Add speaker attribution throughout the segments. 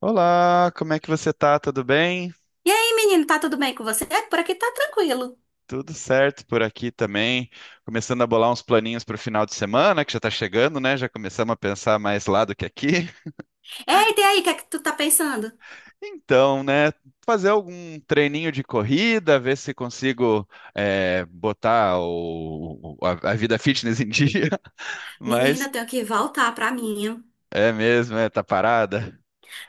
Speaker 1: Olá, como é que você tá? Tudo bem?
Speaker 2: E aí, menino, tá tudo bem com você? É, por aqui tá tranquilo.
Speaker 1: Tudo certo por aqui também. Começando a bolar uns planinhos para o final de semana, que já está chegando, né? Já começamos a pensar mais lá do que aqui.
Speaker 2: Eita, e aí, o que é que tu tá pensando?
Speaker 1: Então, né? Fazer algum treininho de corrida, ver se consigo botar a vida fitness em dia.
Speaker 2: Menina, eu
Speaker 1: Mas
Speaker 2: tenho que voltar pra minha.
Speaker 1: é mesmo, é, tá parada.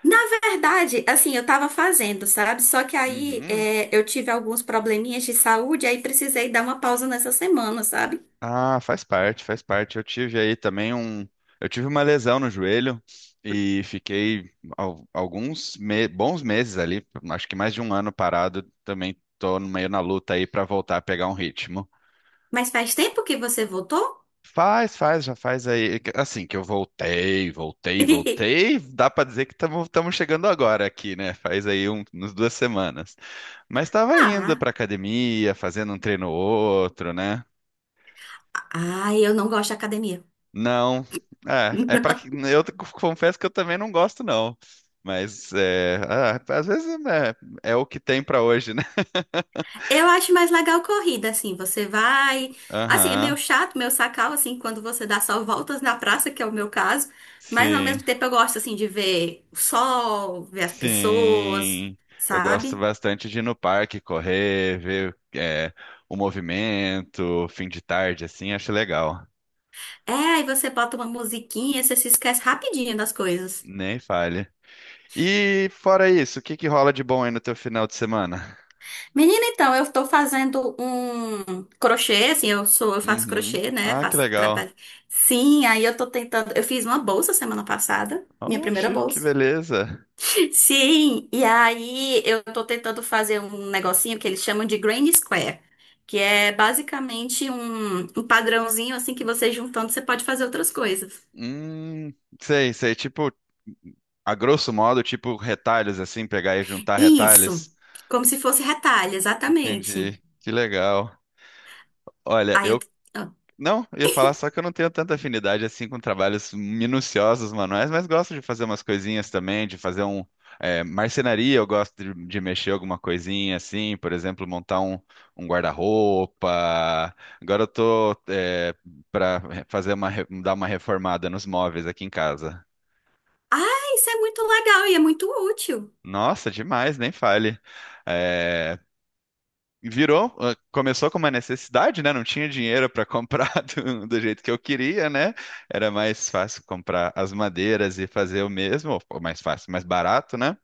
Speaker 2: Na verdade, assim, eu tava fazendo, sabe? Só que aí
Speaker 1: Uhum.
Speaker 2: é, eu tive alguns probleminhas de saúde, aí precisei dar uma pausa nessa semana, sabe?
Speaker 1: Ah, faz parte, faz parte. Eu tive aí também um. Eu tive uma lesão no joelho e fiquei bons meses ali, acho que mais de um ano parado. Também tô no meio na luta aí para voltar a pegar um ritmo.
Speaker 2: Mas faz tempo que você voltou?
Speaker 1: Faz, faz, já faz aí. Assim que eu voltei, voltei, voltei, dá pra dizer que estamos chegando agora aqui, né? Faz aí umas duas semanas. Mas tava indo
Speaker 2: Ah,
Speaker 1: pra academia, fazendo um treino ou outro, né?
Speaker 2: ah, eu não gosto de academia.
Speaker 1: Não, é para que confesso que eu também não gosto não, mas ah, às vezes né, o que tem pra hoje, né?
Speaker 2: Eu acho mais legal corrida, assim, você vai. Assim, é
Speaker 1: Aham,
Speaker 2: meio chato, meio sacal, assim, quando você dá só voltas na praça, que é o meu caso. Mas ao
Speaker 1: sim,
Speaker 2: mesmo tempo eu gosto, assim, de ver o sol, ver as pessoas,
Speaker 1: sim. Eu gosto
Speaker 2: sabe?
Speaker 1: bastante de ir no parque, correr, ver o movimento, fim de tarde, assim, acho legal.
Speaker 2: É, aí você bota uma musiquinha, você se esquece rapidinho das coisas.
Speaker 1: Nem falha. E fora isso, o que que rola de bom aí no teu final de semana?
Speaker 2: Menina, então, eu tô fazendo um crochê, assim, eu faço
Speaker 1: Uhum.
Speaker 2: crochê, né?
Speaker 1: Ah, que
Speaker 2: Faço
Speaker 1: legal.
Speaker 2: trabalho. Sim, aí eu tô tentando. Eu fiz uma bolsa semana passada, minha primeira
Speaker 1: Oxe, que
Speaker 2: bolsa.
Speaker 1: beleza.
Speaker 2: Sim, e aí eu tô tentando fazer um negocinho que eles chamam de Grand Square, que é basicamente um padrãozinho assim que você juntando você pode fazer outras coisas.
Speaker 1: Hum, sei, sei. Tipo, a grosso modo, tipo retalhos assim, pegar e juntar
Speaker 2: Isso,
Speaker 1: retalhos.
Speaker 2: como se fosse retalho, exatamente.
Speaker 1: Entendi. Que legal. Olha,
Speaker 2: Aí eu,
Speaker 1: eu não eu ia falar só que eu não tenho tanta afinidade assim com trabalhos minuciosos manuais, mas gosto de fazer umas coisinhas também, de fazer marcenaria, eu gosto de mexer alguma coisinha assim, por exemplo, montar um guarda-roupa. Agora eu tô para fazer uma dar uma reformada nos móveis aqui em casa.
Speaker 2: ah, isso é muito legal e é muito útil.
Speaker 1: Nossa, demais, nem fale. É, virou, ah, começou com uma necessidade, né? Não tinha dinheiro para comprar do jeito que eu queria, né? Era mais fácil comprar as madeiras e fazer o mesmo, ou mais fácil, mais barato, né?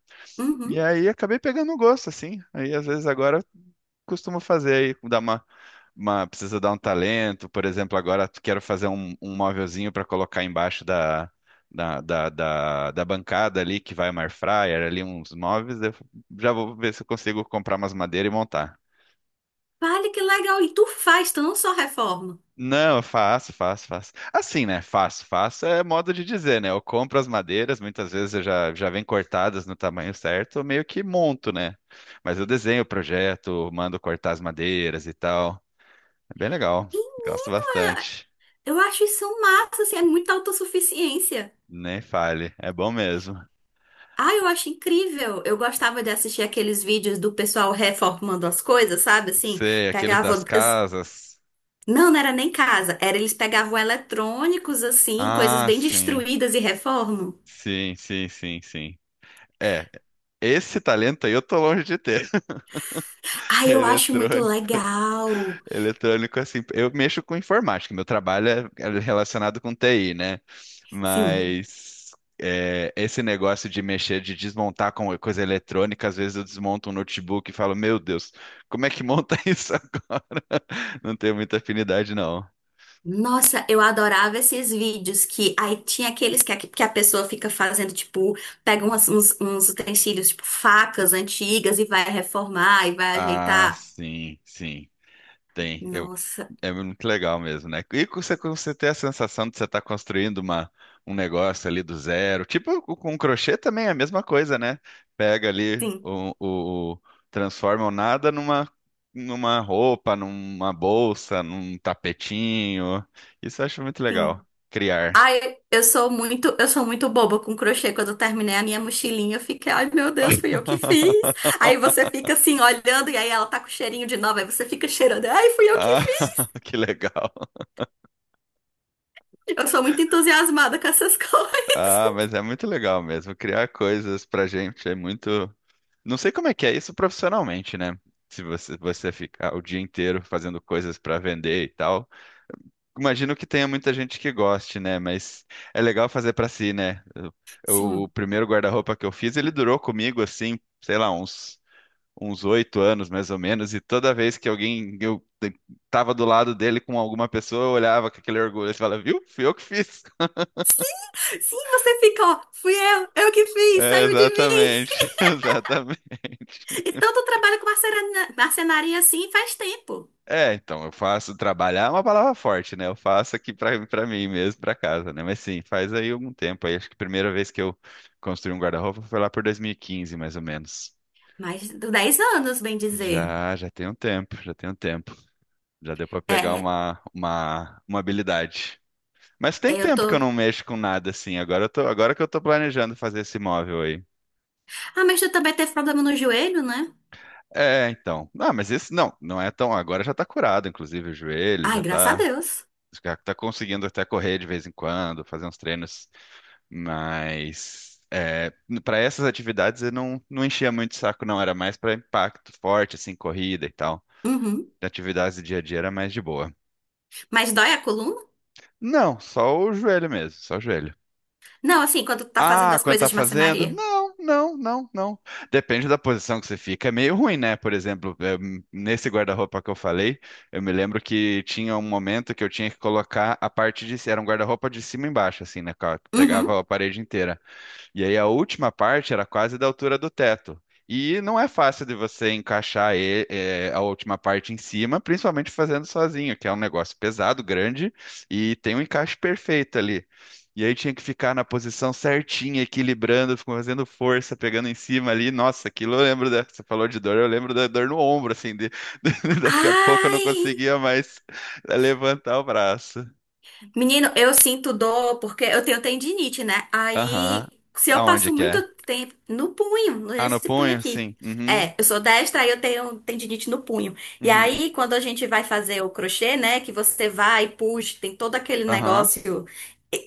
Speaker 1: E
Speaker 2: Uhum.
Speaker 1: aí acabei pegando um gosto, assim. Aí às vezes agora eu costumo fazer aí, precisa dar um talento. Por exemplo, agora quero fazer um móvelzinho para colocar embaixo da bancada ali que vai uma air fryer, ali uns móveis, eu já vou ver se eu consigo comprar umas madeiras e montar.
Speaker 2: Vale que legal, e tu faz, tu não só reforma.
Speaker 1: Não, eu faço, faço, faço. Assim, né? Faço, faço é modo de dizer, né? Eu compro as madeiras, muitas vezes eu já vem cortadas no tamanho certo, eu meio que monto, né? Mas eu desenho o projeto, mando cortar as madeiras e tal. É bem legal, gosto bastante.
Speaker 2: Eu acho isso massa, assim, é muita autossuficiência.
Speaker 1: Nem fale, é bom mesmo.
Speaker 2: Ah, eu acho incrível. Eu gostava de assistir aqueles vídeos do pessoal reformando as coisas, sabe? Assim,
Speaker 1: Sei, aqueles das
Speaker 2: pegavam. as-
Speaker 1: casas.
Speaker 2: Não, não era nem casa, era eles pegavam eletrônicos, assim, coisas
Speaker 1: Ah,
Speaker 2: bem
Speaker 1: sim,
Speaker 2: destruídas e reformam.
Speaker 1: sim, sim, sim, sim. É, esse talento aí eu tô longe de ter.
Speaker 2: Ah, eu acho muito
Speaker 1: Eletrônico.
Speaker 2: legal.
Speaker 1: Eletrônico, assim, eu mexo com informática, meu trabalho é relacionado com TI, né?
Speaker 2: Sim.
Speaker 1: Mas esse negócio de mexer, de desmontar com coisa eletrônica, às vezes eu desmonto um notebook e falo, meu Deus, como é que monta isso agora? Não tenho muita afinidade, não.
Speaker 2: Nossa, eu adorava esses vídeos que aí tinha aqueles que que a pessoa fica fazendo, tipo, pega uns, utensílios, tipo, facas antigas e vai reformar e vai
Speaker 1: Ah,
Speaker 2: ajeitar.
Speaker 1: sim, sim, tem. Eu
Speaker 2: Nossa,
Speaker 1: é muito legal mesmo, né? E você, você ter a sensação de você estar construindo um negócio ali do zero. Tipo, com crochê também é a mesma coisa, né? Pega ali
Speaker 2: sim,
Speaker 1: transforma o nada numa roupa, numa bolsa, num tapetinho. Isso eu acho muito
Speaker 2: sim.
Speaker 1: legal. Criar.
Speaker 2: Ai, eu sou muito boba com crochê. Quando eu terminei a minha mochilinha, eu fiquei, ai meu Deus, fui eu que fiz. Aí você fica assim olhando e aí ela tá com cheirinho de nova, aí você fica cheirando, ai fui eu que
Speaker 1: Ah,
Speaker 2: fiz.
Speaker 1: que legal.
Speaker 2: Eu sou muito entusiasmada com essas coisas.
Speaker 1: Ah, mas é muito legal mesmo. Criar coisas pra gente é muito. Não sei como é que é isso profissionalmente, né? Se você ficar o dia inteiro fazendo coisas para vender e tal. Imagino que tenha muita gente que goste, né? Mas é legal fazer para si, né? O
Speaker 2: Sim.
Speaker 1: primeiro guarda-roupa que eu fiz, ele durou comigo assim, sei lá, uns oito anos mais ou menos. E toda vez que tava do lado dele com alguma pessoa, eu olhava com aquele orgulho e falava, viu? Fui eu que fiz.
Speaker 2: Sim, você fica, ó, eu que fiz,
Speaker 1: É,
Speaker 2: saiu de mim.
Speaker 1: exatamente, exatamente.
Speaker 2: E tanto trabalho com marcenaria assim faz tempo.
Speaker 1: É, então, eu faço trabalhar é uma palavra forte, né? Eu faço aqui pra para mim mesmo, pra casa, né? Mas sim, faz aí algum tempo. Aí acho que a primeira vez que eu construí um guarda-roupa foi lá por 2015, mais ou menos.
Speaker 2: Mais de 10 anos, bem dizer.
Speaker 1: Já, já tem um tempo, já tem um tempo. Já deu pra pegar
Speaker 2: É,
Speaker 1: uma habilidade. Mas tem
Speaker 2: eu
Speaker 1: tempo que eu não
Speaker 2: tô.
Speaker 1: mexo com nada assim. Agora agora que eu tô planejando fazer esse móvel aí.
Speaker 2: Ah, mas tu também teve problema no joelho, né?
Speaker 1: É, então. Não, mas esse não, não é tão. Agora já tá curado, inclusive o joelho
Speaker 2: Ai, graças a Deus.
Speaker 1: já tá conseguindo até correr de vez em quando, fazer uns treinos. Mas é, para essas atividades eu não, não enchia muito o saco, não. Era mais para impacto forte, assim, corrida e tal.
Speaker 2: Uhum.
Speaker 1: De atividades do dia a dia era mais de boa.
Speaker 2: Mas dói a coluna?
Speaker 1: Não, só o joelho mesmo, só o joelho.
Speaker 2: Não, assim, quando tu tá fazendo
Speaker 1: Ah,
Speaker 2: as
Speaker 1: quando tá
Speaker 2: coisas de
Speaker 1: fazendo?
Speaker 2: marcenaria.
Speaker 1: Não, não, não, não. Depende da posição que você fica. É meio ruim, né? Por exemplo, nesse guarda-roupa que eu falei, eu me lembro que tinha um momento que eu tinha que colocar a parte de... Era um guarda-roupa de cima e embaixo, assim, né, cara?
Speaker 2: Uhum.
Speaker 1: Pegava a parede inteira. E aí a última parte era quase da altura do teto. E não é fácil de você encaixar a última parte em cima, principalmente fazendo sozinho, que é um negócio pesado, grande, e tem um encaixe perfeito ali. E aí tinha que ficar na posição certinha, equilibrando, fazendo força, pegando em cima ali. Nossa, aquilo eu lembro da... Você falou de dor, eu lembro da dor no ombro, assim, de... daqui a pouco eu não
Speaker 2: Ai!
Speaker 1: conseguia mais levantar o braço.
Speaker 2: Menino, eu sinto dor porque eu tenho tendinite, né?
Speaker 1: Aham.
Speaker 2: Aí, se eu
Speaker 1: Aonde
Speaker 2: passo
Speaker 1: que
Speaker 2: muito
Speaker 1: é?
Speaker 2: tempo no punho,
Speaker 1: Ah, no
Speaker 2: nesse punho
Speaker 1: punho?
Speaker 2: aqui.
Speaker 1: Sim. Uhum.
Speaker 2: É, eu sou destra, aí eu tenho tendinite no punho. E
Speaker 1: Uhum.
Speaker 2: aí, quando a gente vai fazer o crochê, né? Que você vai, puxa, tem todo aquele
Speaker 1: Aham,
Speaker 2: negócio.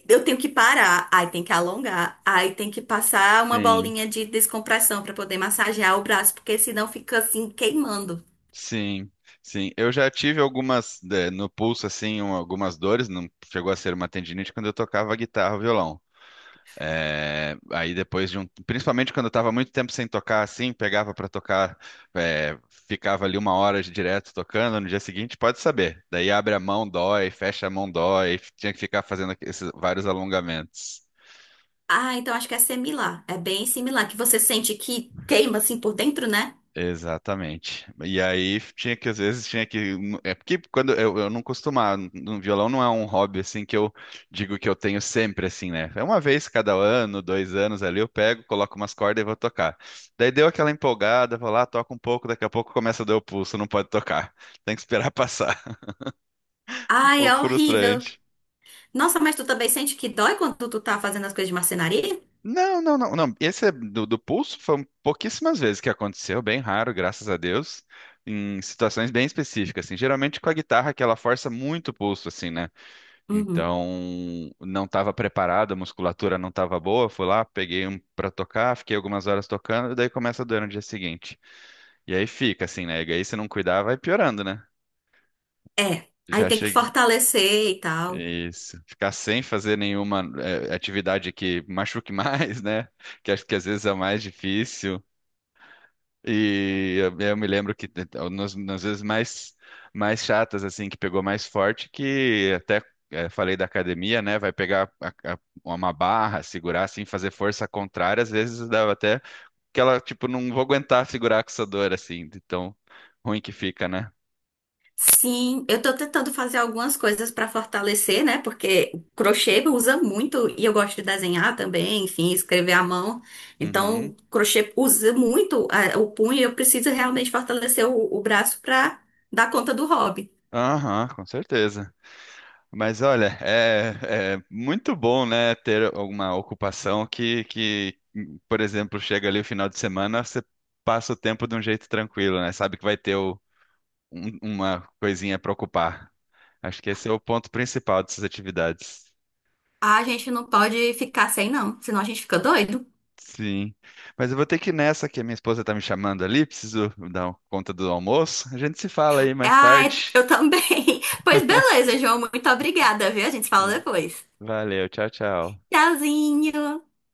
Speaker 2: Eu tenho que parar, aí tem que alongar, aí tem que passar uma
Speaker 1: sim,
Speaker 2: bolinha de descompressão pra poder massagear o braço, porque senão fica assim queimando.
Speaker 1: sim, sim. Eu já tive algumas, no pulso, assim, algumas dores, não chegou a ser uma tendinite quando eu tocava guitarra ou violão. Aí depois de um, principalmente quando eu estava muito tempo sem tocar, assim, pegava para tocar, eh, ficava ali uma hora de direto tocando, no dia seguinte pode saber. Daí abre a mão, dói, fecha a mão, dói, tinha que ficar fazendo esses vários alongamentos.
Speaker 2: Ah, então acho que é similar. É bem similar, que você sente que queima assim por dentro, né?
Speaker 1: Exatamente. E aí tinha que, às vezes, tinha que. É porque quando eu não costumava, no violão não é um hobby assim que eu digo que eu tenho sempre, assim, né? É uma vez cada ano, dois anos ali, eu pego, coloco umas cordas e vou tocar. Daí deu aquela empolgada, vou lá, toco um pouco, daqui a pouco começa a doer o pulso, não pode tocar. Tem que esperar passar. Um
Speaker 2: Ai, é
Speaker 1: pouco
Speaker 2: horrível.
Speaker 1: frustrante.
Speaker 2: Nossa, mas tu também sente que dói quando tu tá fazendo as coisas de marcenaria?
Speaker 1: Não, não, não, não. Esse é do pulso foi pouquíssimas vezes que aconteceu, bem raro, graças a Deus, em situações bem específicas, assim. Geralmente com a guitarra que ela força muito o pulso, assim, né?
Speaker 2: Uhum.
Speaker 1: Então, não estava preparado, a musculatura não estava boa, fui lá, peguei um para tocar, fiquei algumas horas tocando, e daí começa a doer no dia seguinte. E aí fica, assim, né? E aí se não cuidar, vai piorando, né?
Speaker 2: É. Aí
Speaker 1: Já
Speaker 2: tem que
Speaker 1: cheguei.
Speaker 2: fortalecer e tal.
Speaker 1: Isso. Ficar sem fazer nenhuma atividade que machuque mais, né? Que acho que às vezes é o mais difícil. E eu me lembro que nas, nas vezes mais, mais chatas, assim, que pegou mais forte, que até falei da academia, né? Vai pegar a- uma barra, segurar, assim, fazer força contrária, às vezes dava até que ela, tipo, não vou aguentar segurar com essa dor, assim, de tão ruim que fica, né?
Speaker 2: Sim, eu tô tentando fazer algumas coisas pra fortalecer, né? Porque o crochê usa muito e eu gosto de desenhar também, enfim, escrever à mão. Então,
Speaker 1: Uhum.
Speaker 2: o crochê usa muito o punho e eu preciso realmente fortalecer o braço pra dar conta do hobby.
Speaker 1: Aham, com certeza. Mas olha, é, é muito bom, né, ter alguma ocupação que, por exemplo, chega ali o final de semana, você passa o tempo de um jeito tranquilo, né? Sabe que vai ter uma coisinha para ocupar. Acho que esse é o ponto principal dessas atividades.
Speaker 2: A gente não pode ficar sem, não, senão a gente fica doido.
Speaker 1: Sim. Mas eu vou ter que ir nessa, que a minha esposa tá me chamando ali, preciso dar conta do almoço. A gente se fala aí mais
Speaker 2: Ah,
Speaker 1: tarde.
Speaker 2: eu também. Pois beleza, João, muito obrigada, viu? A gente se fala depois.
Speaker 1: Valeu, tchau, tchau.
Speaker 2: Tchauzinho!